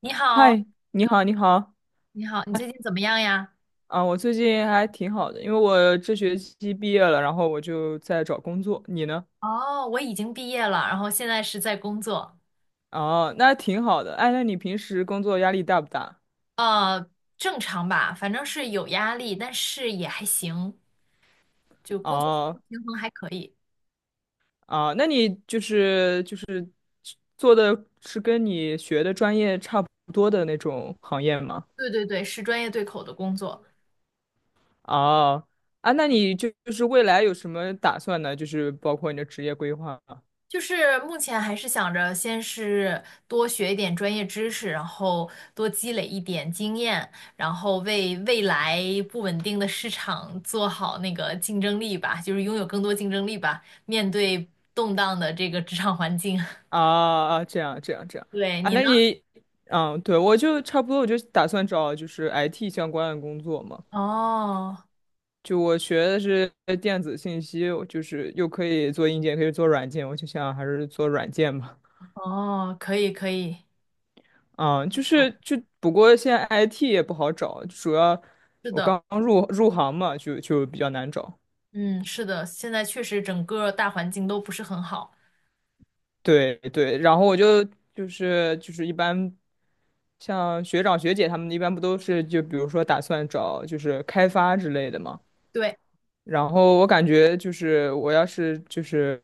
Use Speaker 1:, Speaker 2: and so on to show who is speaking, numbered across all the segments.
Speaker 1: 你好，
Speaker 2: 嗨，你好，你好，
Speaker 1: 你好，你最近怎么样呀？
Speaker 2: 啊，我最近还挺好的，因为我这学期毕业了，然后我就在找工作。你呢？
Speaker 1: 哦，我已经毕业了，然后现在是在工作。
Speaker 2: 哦，那挺好的。哎，那你平时工作压力大不大？
Speaker 1: 呃，正常吧，反正是有压力，但是也还行，就工作生活
Speaker 2: 哦，
Speaker 1: 平衡还可以。
Speaker 2: 啊，那你就是做的是跟你学的专业差不多的那种行业吗？
Speaker 1: 对对对，是专业对口的工作。
Speaker 2: 哦，啊，那你就是未来有什么打算呢？就是包括你的职业规划
Speaker 1: 就是目前还是想着先是多学一点专业知识，然后多积累一点经验，然后为未来不稳定的市场做好那个竞争力吧，就是拥有更多竞争力吧，面对动荡的这个职场环境。
Speaker 2: 啊，啊，这样这样这样
Speaker 1: 对，
Speaker 2: 啊，
Speaker 1: 你呢？
Speaker 2: 嗯，对，我就差不多，我就打算找就是 IT 相关的工作嘛。
Speaker 1: 哦
Speaker 2: 就我学的是电子信息，我就是又可以做硬件，可以做软件，我就想还是做软件吧。
Speaker 1: 哦，可以可以，
Speaker 2: 啊，就是就不过现在 IT 也不好找，主要
Speaker 1: 是
Speaker 2: 我
Speaker 1: 的。
Speaker 2: 刚入行嘛，就比较难找。
Speaker 1: 嗯，是的，现在确实整个大环境都不是很好。
Speaker 2: 对对，然后我就一般，像学长学姐他们一般不都是就比如说打算找就是开发之类的嘛，
Speaker 1: 对，
Speaker 2: 然后我感觉就是我要是就是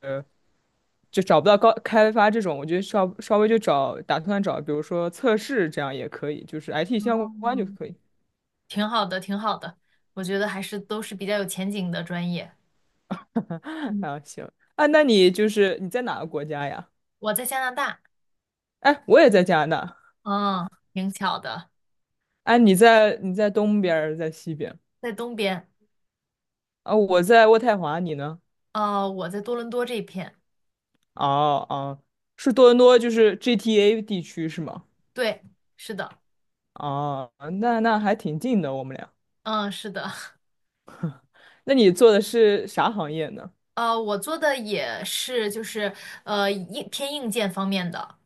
Speaker 2: 就找不到高开发这种，我就稍微打算找比如说测试这样也可以，就是 IT 相
Speaker 1: 哦，
Speaker 2: 关就可以。
Speaker 1: 挺好的，挺好的，我觉得还是都是比较有前景的专业。嗯，
Speaker 2: 啊，行啊，那你就是你在哪个国家呀？
Speaker 1: 我在加拿大。
Speaker 2: 哎，我也在加拿大。
Speaker 1: 嗯，挺巧的，
Speaker 2: 哎，你在东边儿，在西边
Speaker 1: 在东边。
Speaker 2: 啊？我在渥太华，你呢？
Speaker 1: 我在多伦多这片。
Speaker 2: 哦哦，是多伦多，就是 GTA 地区是吗？
Speaker 1: 对，是的。
Speaker 2: 哦，那还挺近的，我们俩。
Speaker 1: 嗯，是的。
Speaker 2: 那你做的是啥行业呢？
Speaker 1: 我做的也是，就是硬偏硬件方面的，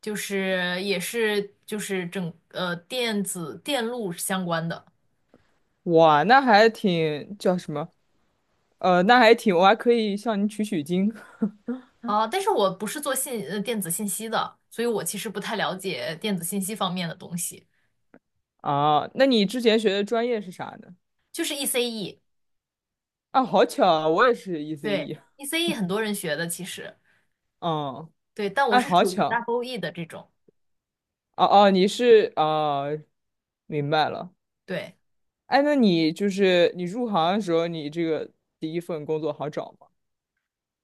Speaker 1: 就是也是就是整电子电路相关的。
Speaker 2: 哇，那还挺叫什么？那还挺，我还可以向你取取经
Speaker 1: 啊，但是我不是做电子信息的，所以我其实不太了解电子信息方面的东西，
Speaker 2: 啊。那你之前学的专业是啥呢？
Speaker 1: 就是 ECE。
Speaker 2: 啊，好巧啊，我也是
Speaker 1: 对
Speaker 2: ECE。
Speaker 1: ，ECE 很多人学的其实。
Speaker 2: 嗯，
Speaker 1: 对，但我
Speaker 2: 哎，
Speaker 1: 是
Speaker 2: 好
Speaker 1: 属于
Speaker 2: 巧。
Speaker 1: Double E 的这种。
Speaker 2: 哦哦，你是啊，明白了。
Speaker 1: 对，
Speaker 2: 哎，那你就是你入行的时候，你这个第一份工作好找吗？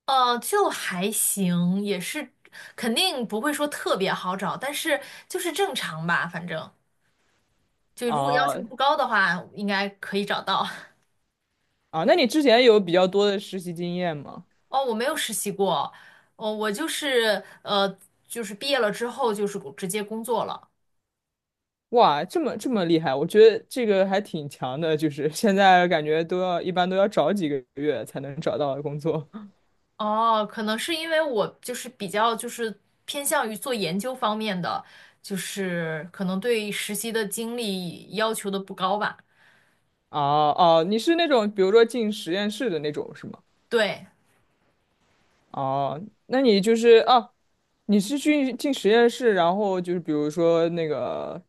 Speaker 1: 就还行，也是肯定不会说特别好找，但是就是正常吧，反正就如果要
Speaker 2: 啊，
Speaker 1: 求不高的话，应该可以找到。
Speaker 2: 啊，那你之前有比较多的实习经验吗？
Speaker 1: 哦，我没有实习过。哦，我就是呃，就是毕业了之后就是直接工作了。
Speaker 2: 哇，这么这么厉害，我觉得这个还挺强的，就是 现在感觉一般都要找几个月才能找到工作。
Speaker 1: 哦，可能是因为我就是比较就是偏向于做研究方面的，就是可能对实习的经历要求的不高吧。
Speaker 2: 哦哦，你是那种比如说进实验室的那种是吗？
Speaker 1: 对。
Speaker 2: 哦，那你就是啊，你是去进实验室，然后就是比如说那个，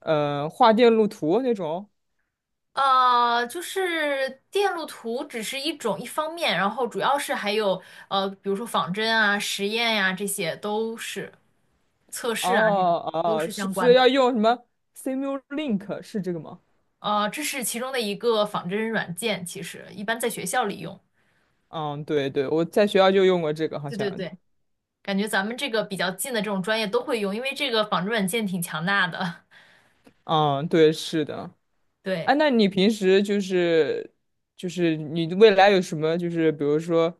Speaker 2: 画电路图那种。
Speaker 1: 就是电路图只是一种一方面，然后主要是还有比如说仿真啊、实验呀、这些都是测试啊，这种
Speaker 2: 哦
Speaker 1: 都
Speaker 2: 哦，
Speaker 1: 是
Speaker 2: 是
Speaker 1: 相
Speaker 2: 不
Speaker 1: 关
Speaker 2: 是
Speaker 1: 的。
Speaker 2: 要用什么 Simulink 是这个吗？
Speaker 1: 这是其中的一个仿真软件，其实一般在学校里用。
Speaker 2: 嗯，对对，我在学校就用过这个，好
Speaker 1: 对对
Speaker 2: 像。
Speaker 1: 对，感觉咱们这个比较近的这种专业都会用，因为这个仿真软件挺强大的。
Speaker 2: 嗯，对，是的。哎、
Speaker 1: 对。
Speaker 2: 那你平时就是你未来有什么就是比如说，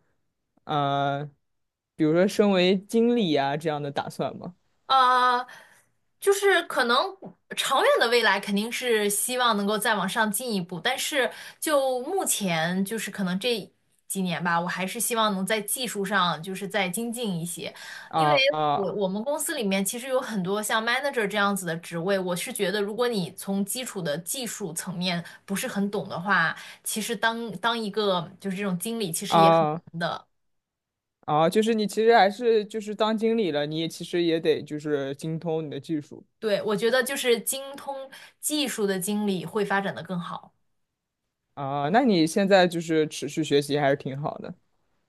Speaker 2: 呃，比如说身为经理啊这样的打算吗？
Speaker 1: 呃，就是可能长远的未来肯定是希望能够再往上进一步，但是就目前就是可能这几年吧，我还是希望能在技术上就是再精进一些，因为
Speaker 2: 啊啊
Speaker 1: 我们公司里面其实有很多像 manager 这样子的职位，我是觉得如果你从基础的技术层面不是很懂的话，其实当一个就是这种经理其实也很
Speaker 2: 啊
Speaker 1: 难的。
Speaker 2: 啊！就是你其实还是就是当经理了，你也其实也得就是精通你的技术
Speaker 1: 对，我觉得就是精通技术的经理会发展的更好。
Speaker 2: 啊。那你现在就是持续学习还是挺好的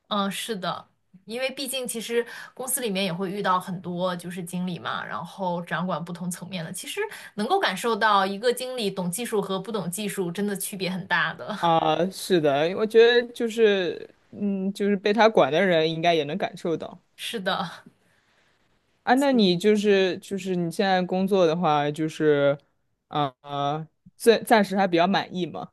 Speaker 1: 嗯，是的，因为毕竟其实公司里面也会遇到很多就是经理嘛，然后掌管不同层面的，其实能够感受到一个经理懂技术和不懂技术真的区别很大的。
Speaker 2: 啊。是的，我觉得就是就是被他管的人应该也能感受到。
Speaker 1: 是的，
Speaker 2: 啊，那你就是你现在工作的话，就是啊、暂时还比较满意嘛？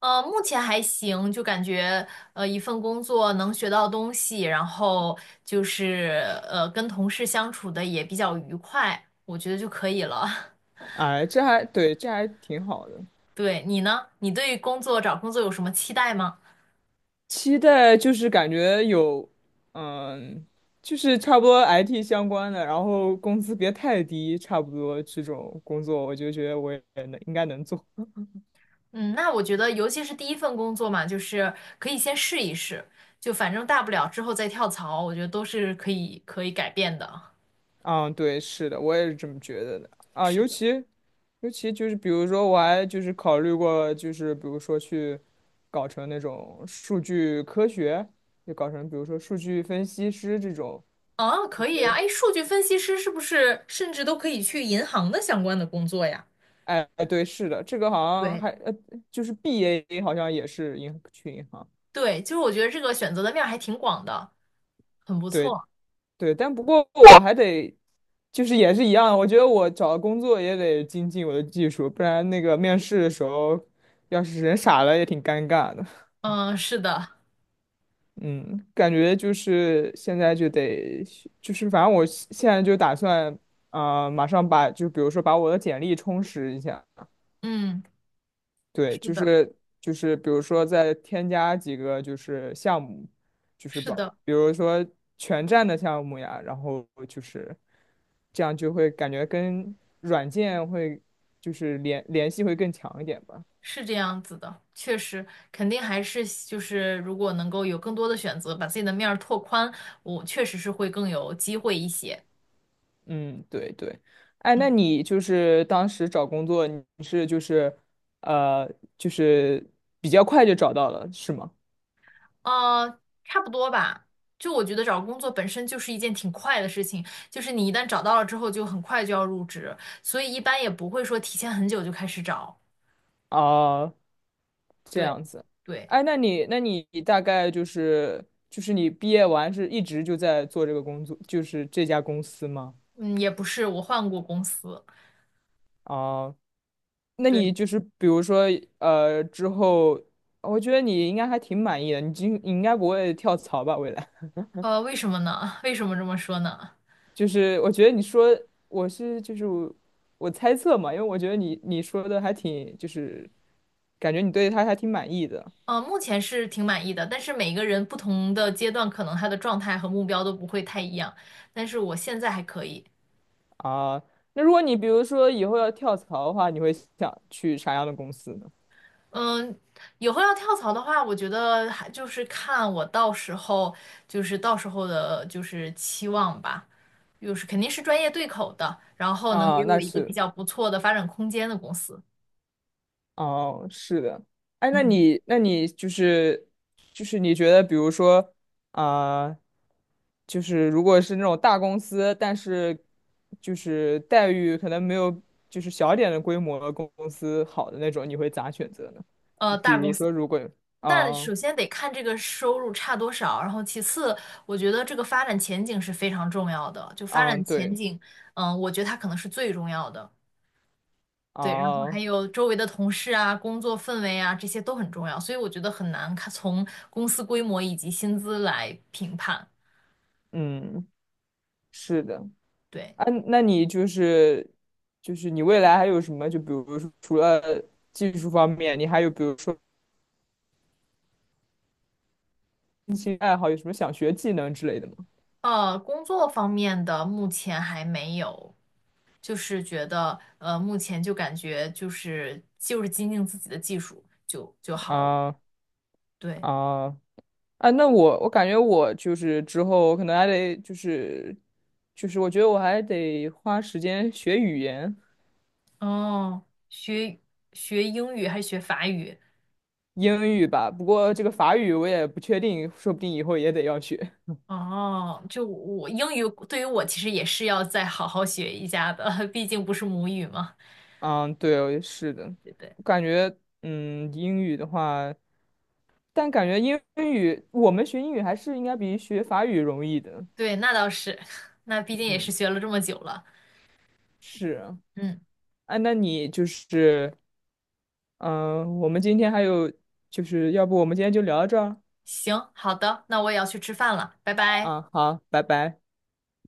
Speaker 1: 目前还行，就感觉一份工作能学到东西，然后就是跟同事相处的也比较愉快，我觉得就可以了。
Speaker 2: 啊，这还对，这还挺好的。
Speaker 1: 对，你呢？你对工作找工作有什么期待吗？
Speaker 2: 期待就是感觉有，嗯，就是差不多 IT 相关的，然后工资别太低，差不多这种工作，我就觉得我也能应该能做。
Speaker 1: 嗯，那我觉得，尤其是第一份工作嘛，就是可以先试一试，就反正大不了之后再跳槽，我觉得都是可以改变的。
Speaker 2: 嗯，对，是的，我也是这么觉得的啊。
Speaker 1: 是的，
Speaker 2: 尤其就是比如说，我还就是考虑过，就是比如说去搞成那种数据科学，就搞成比如说数据分析师这种，
Speaker 1: 啊，
Speaker 2: 就
Speaker 1: 可以啊，
Speaker 2: 是
Speaker 1: 哎，数据分析师是不是甚至都可以去银行的相关的工作呀？
Speaker 2: 哎，对，是的，这个好像
Speaker 1: 对，
Speaker 2: 还就是 BA 好像也是去银行，
Speaker 1: 对，就是我觉得这个选择的面儿还挺广的，很不
Speaker 2: 对
Speaker 1: 错。
Speaker 2: 对，但不过我还得就是也是一样，我觉得我找工作也得精进我的技术，不然那个面试的时候。要是人傻了也挺尴尬的。
Speaker 1: 嗯，是的。
Speaker 2: 嗯，感觉就是现在就得，就是反正我现在就打算，啊、马上比如说把我的简历充实一下，
Speaker 1: 嗯，
Speaker 2: 对，
Speaker 1: 是
Speaker 2: 就
Speaker 1: 的，
Speaker 2: 是就是比如说再添加几个就是项目，就是
Speaker 1: 是
Speaker 2: 把
Speaker 1: 的。
Speaker 2: 比如说全站的项目呀，然后就是这样就会感觉跟软件会就是联系会更强一点吧。
Speaker 1: 是这样子的，确实，肯定还是就是如果能够有更多的选择，把自己的面儿拓宽，我确实是会更有机会一些。
Speaker 2: 嗯，对对，哎，那
Speaker 1: 嗯，
Speaker 2: 你就是当时找工作，你是就是呃，就是比较快就找到了，是吗？
Speaker 1: 差不多吧。就我觉得找工作本身就是一件挺快的事情，就是你一旦找到了之后，就很快就要入职，所以一般也不会说提前很久就开始找。
Speaker 2: 哦，这
Speaker 1: 对，
Speaker 2: 样子，
Speaker 1: 对，
Speaker 2: 哎，那你大概就是你毕业完是一直就在做这个工作，就是这家公司吗？
Speaker 1: 嗯，也不是，我换过公司。
Speaker 2: 哦，那
Speaker 1: 对，
Speaker 2: 你就是比如说之后，我觉得你应该还挺满意的，你应该不会跳槽吧？未来？
Speaker 1: 为什么呢？为什么这么说呢？
Speaker 2: 就是我觉得你说我是就是我猜测嘛，因为我觉得你说的还挺就是感觉你对他还挺满意的
Speaker 1: 目前是挺满意的，但是每个人不同的阶段，可能他的状态和目标都不会太一样。但是我现在还可以。
Speaker 2: 啊。那如果你比如说以后要跳槽的话，你会想去啥样的公司呢？
Speaker 1: 嗯，以后要跳槽的话，我觉得还就是看我到时候，就是到时候的，就是期望吧，就是肯定是专业对口的，然后能
Speaker 2: 啊，
Speaker 1: 给我
Speaker 2: 那
Speaker 1: 一个比
Speaker 2: 是。
Speaker 1: 较不错的发展空间的公司。
Speaker 2: 哦，是的，哎，
Speaker 1: 嗯，
Speaker 2: 那你就是你觉得，比如说，啊、就是如果是那种大公司，但是就是待遇可能没有就是小一点的规模的公司好的那种，你会咋选择呢？比
Speaker 1: 大公
Speaker 2: 如
Speaker 1: 司。
Speaker 2: 说，如果
Speaker 1: 那
Speaker 2: 啊
Speaker 1: 首先得看这个收入差多少，然后其次，我觉得这个发展前景是非常重要的。就发
Speaker 2: 啊、
Speaker 1: 展前
Speaker 2: 对
Speaker 1: 景，嗯，我觉得它可能是最重要的。对，然后还
Speaker 2: 啊、
Speaker 1: 有周围的同事啊、工作氛围啊，这些都很重要。所以我觉得很难看从公司规模以及薪资来评判。
Speaker 2: 嗯，是的，
Speaker 1: 对，
Speaker 2: 啊，那你就是你未来还有什么？就比如说，除了技术方面，你还有比如说。兴趣爱好有什么想学技能之类的吗？
Speaker 1: 工作方面的目前还没有，就是觉得目前就感觉就是精进自己的技术就好了。
Speaker 2: 啊
Speaker 1: 对。
Speaker 2: 啊，啊，那我感觉我就是之后可能还得就是我觉得我还得花时间学语言，
Speaker 1: 哦，学学英语还是学法语？
Speaker 2: 英语吧。不过这个法语我也不确定，说不定以后也得要学。
Speaker 1: 哦，就我英语对于我其实也是要再好好学一下的，毕竟不是母语嘛，
Speaker 2: 嗯，对，是的，
Speaker 1: 对不对？
Speaker 2: 我感觉英语的话，但感觉英语我们学英语还是应该比学法语容易的。
Speaker 1: 对，那倒是，那毕竟也是
Speaker 2: 嗯，
Speaker 1: 学了这么久了。
Speaker 2: 是啊。
Speaker 1: 嗯，
Speaker 2: 哎，那你就是嗯，我们今天还有，就是要不我们今天就聊到这儿
Speaker 1: 行，好的，那我也要去吃饭了，拜拜。
Speaker 2: 啊？好，拜拜。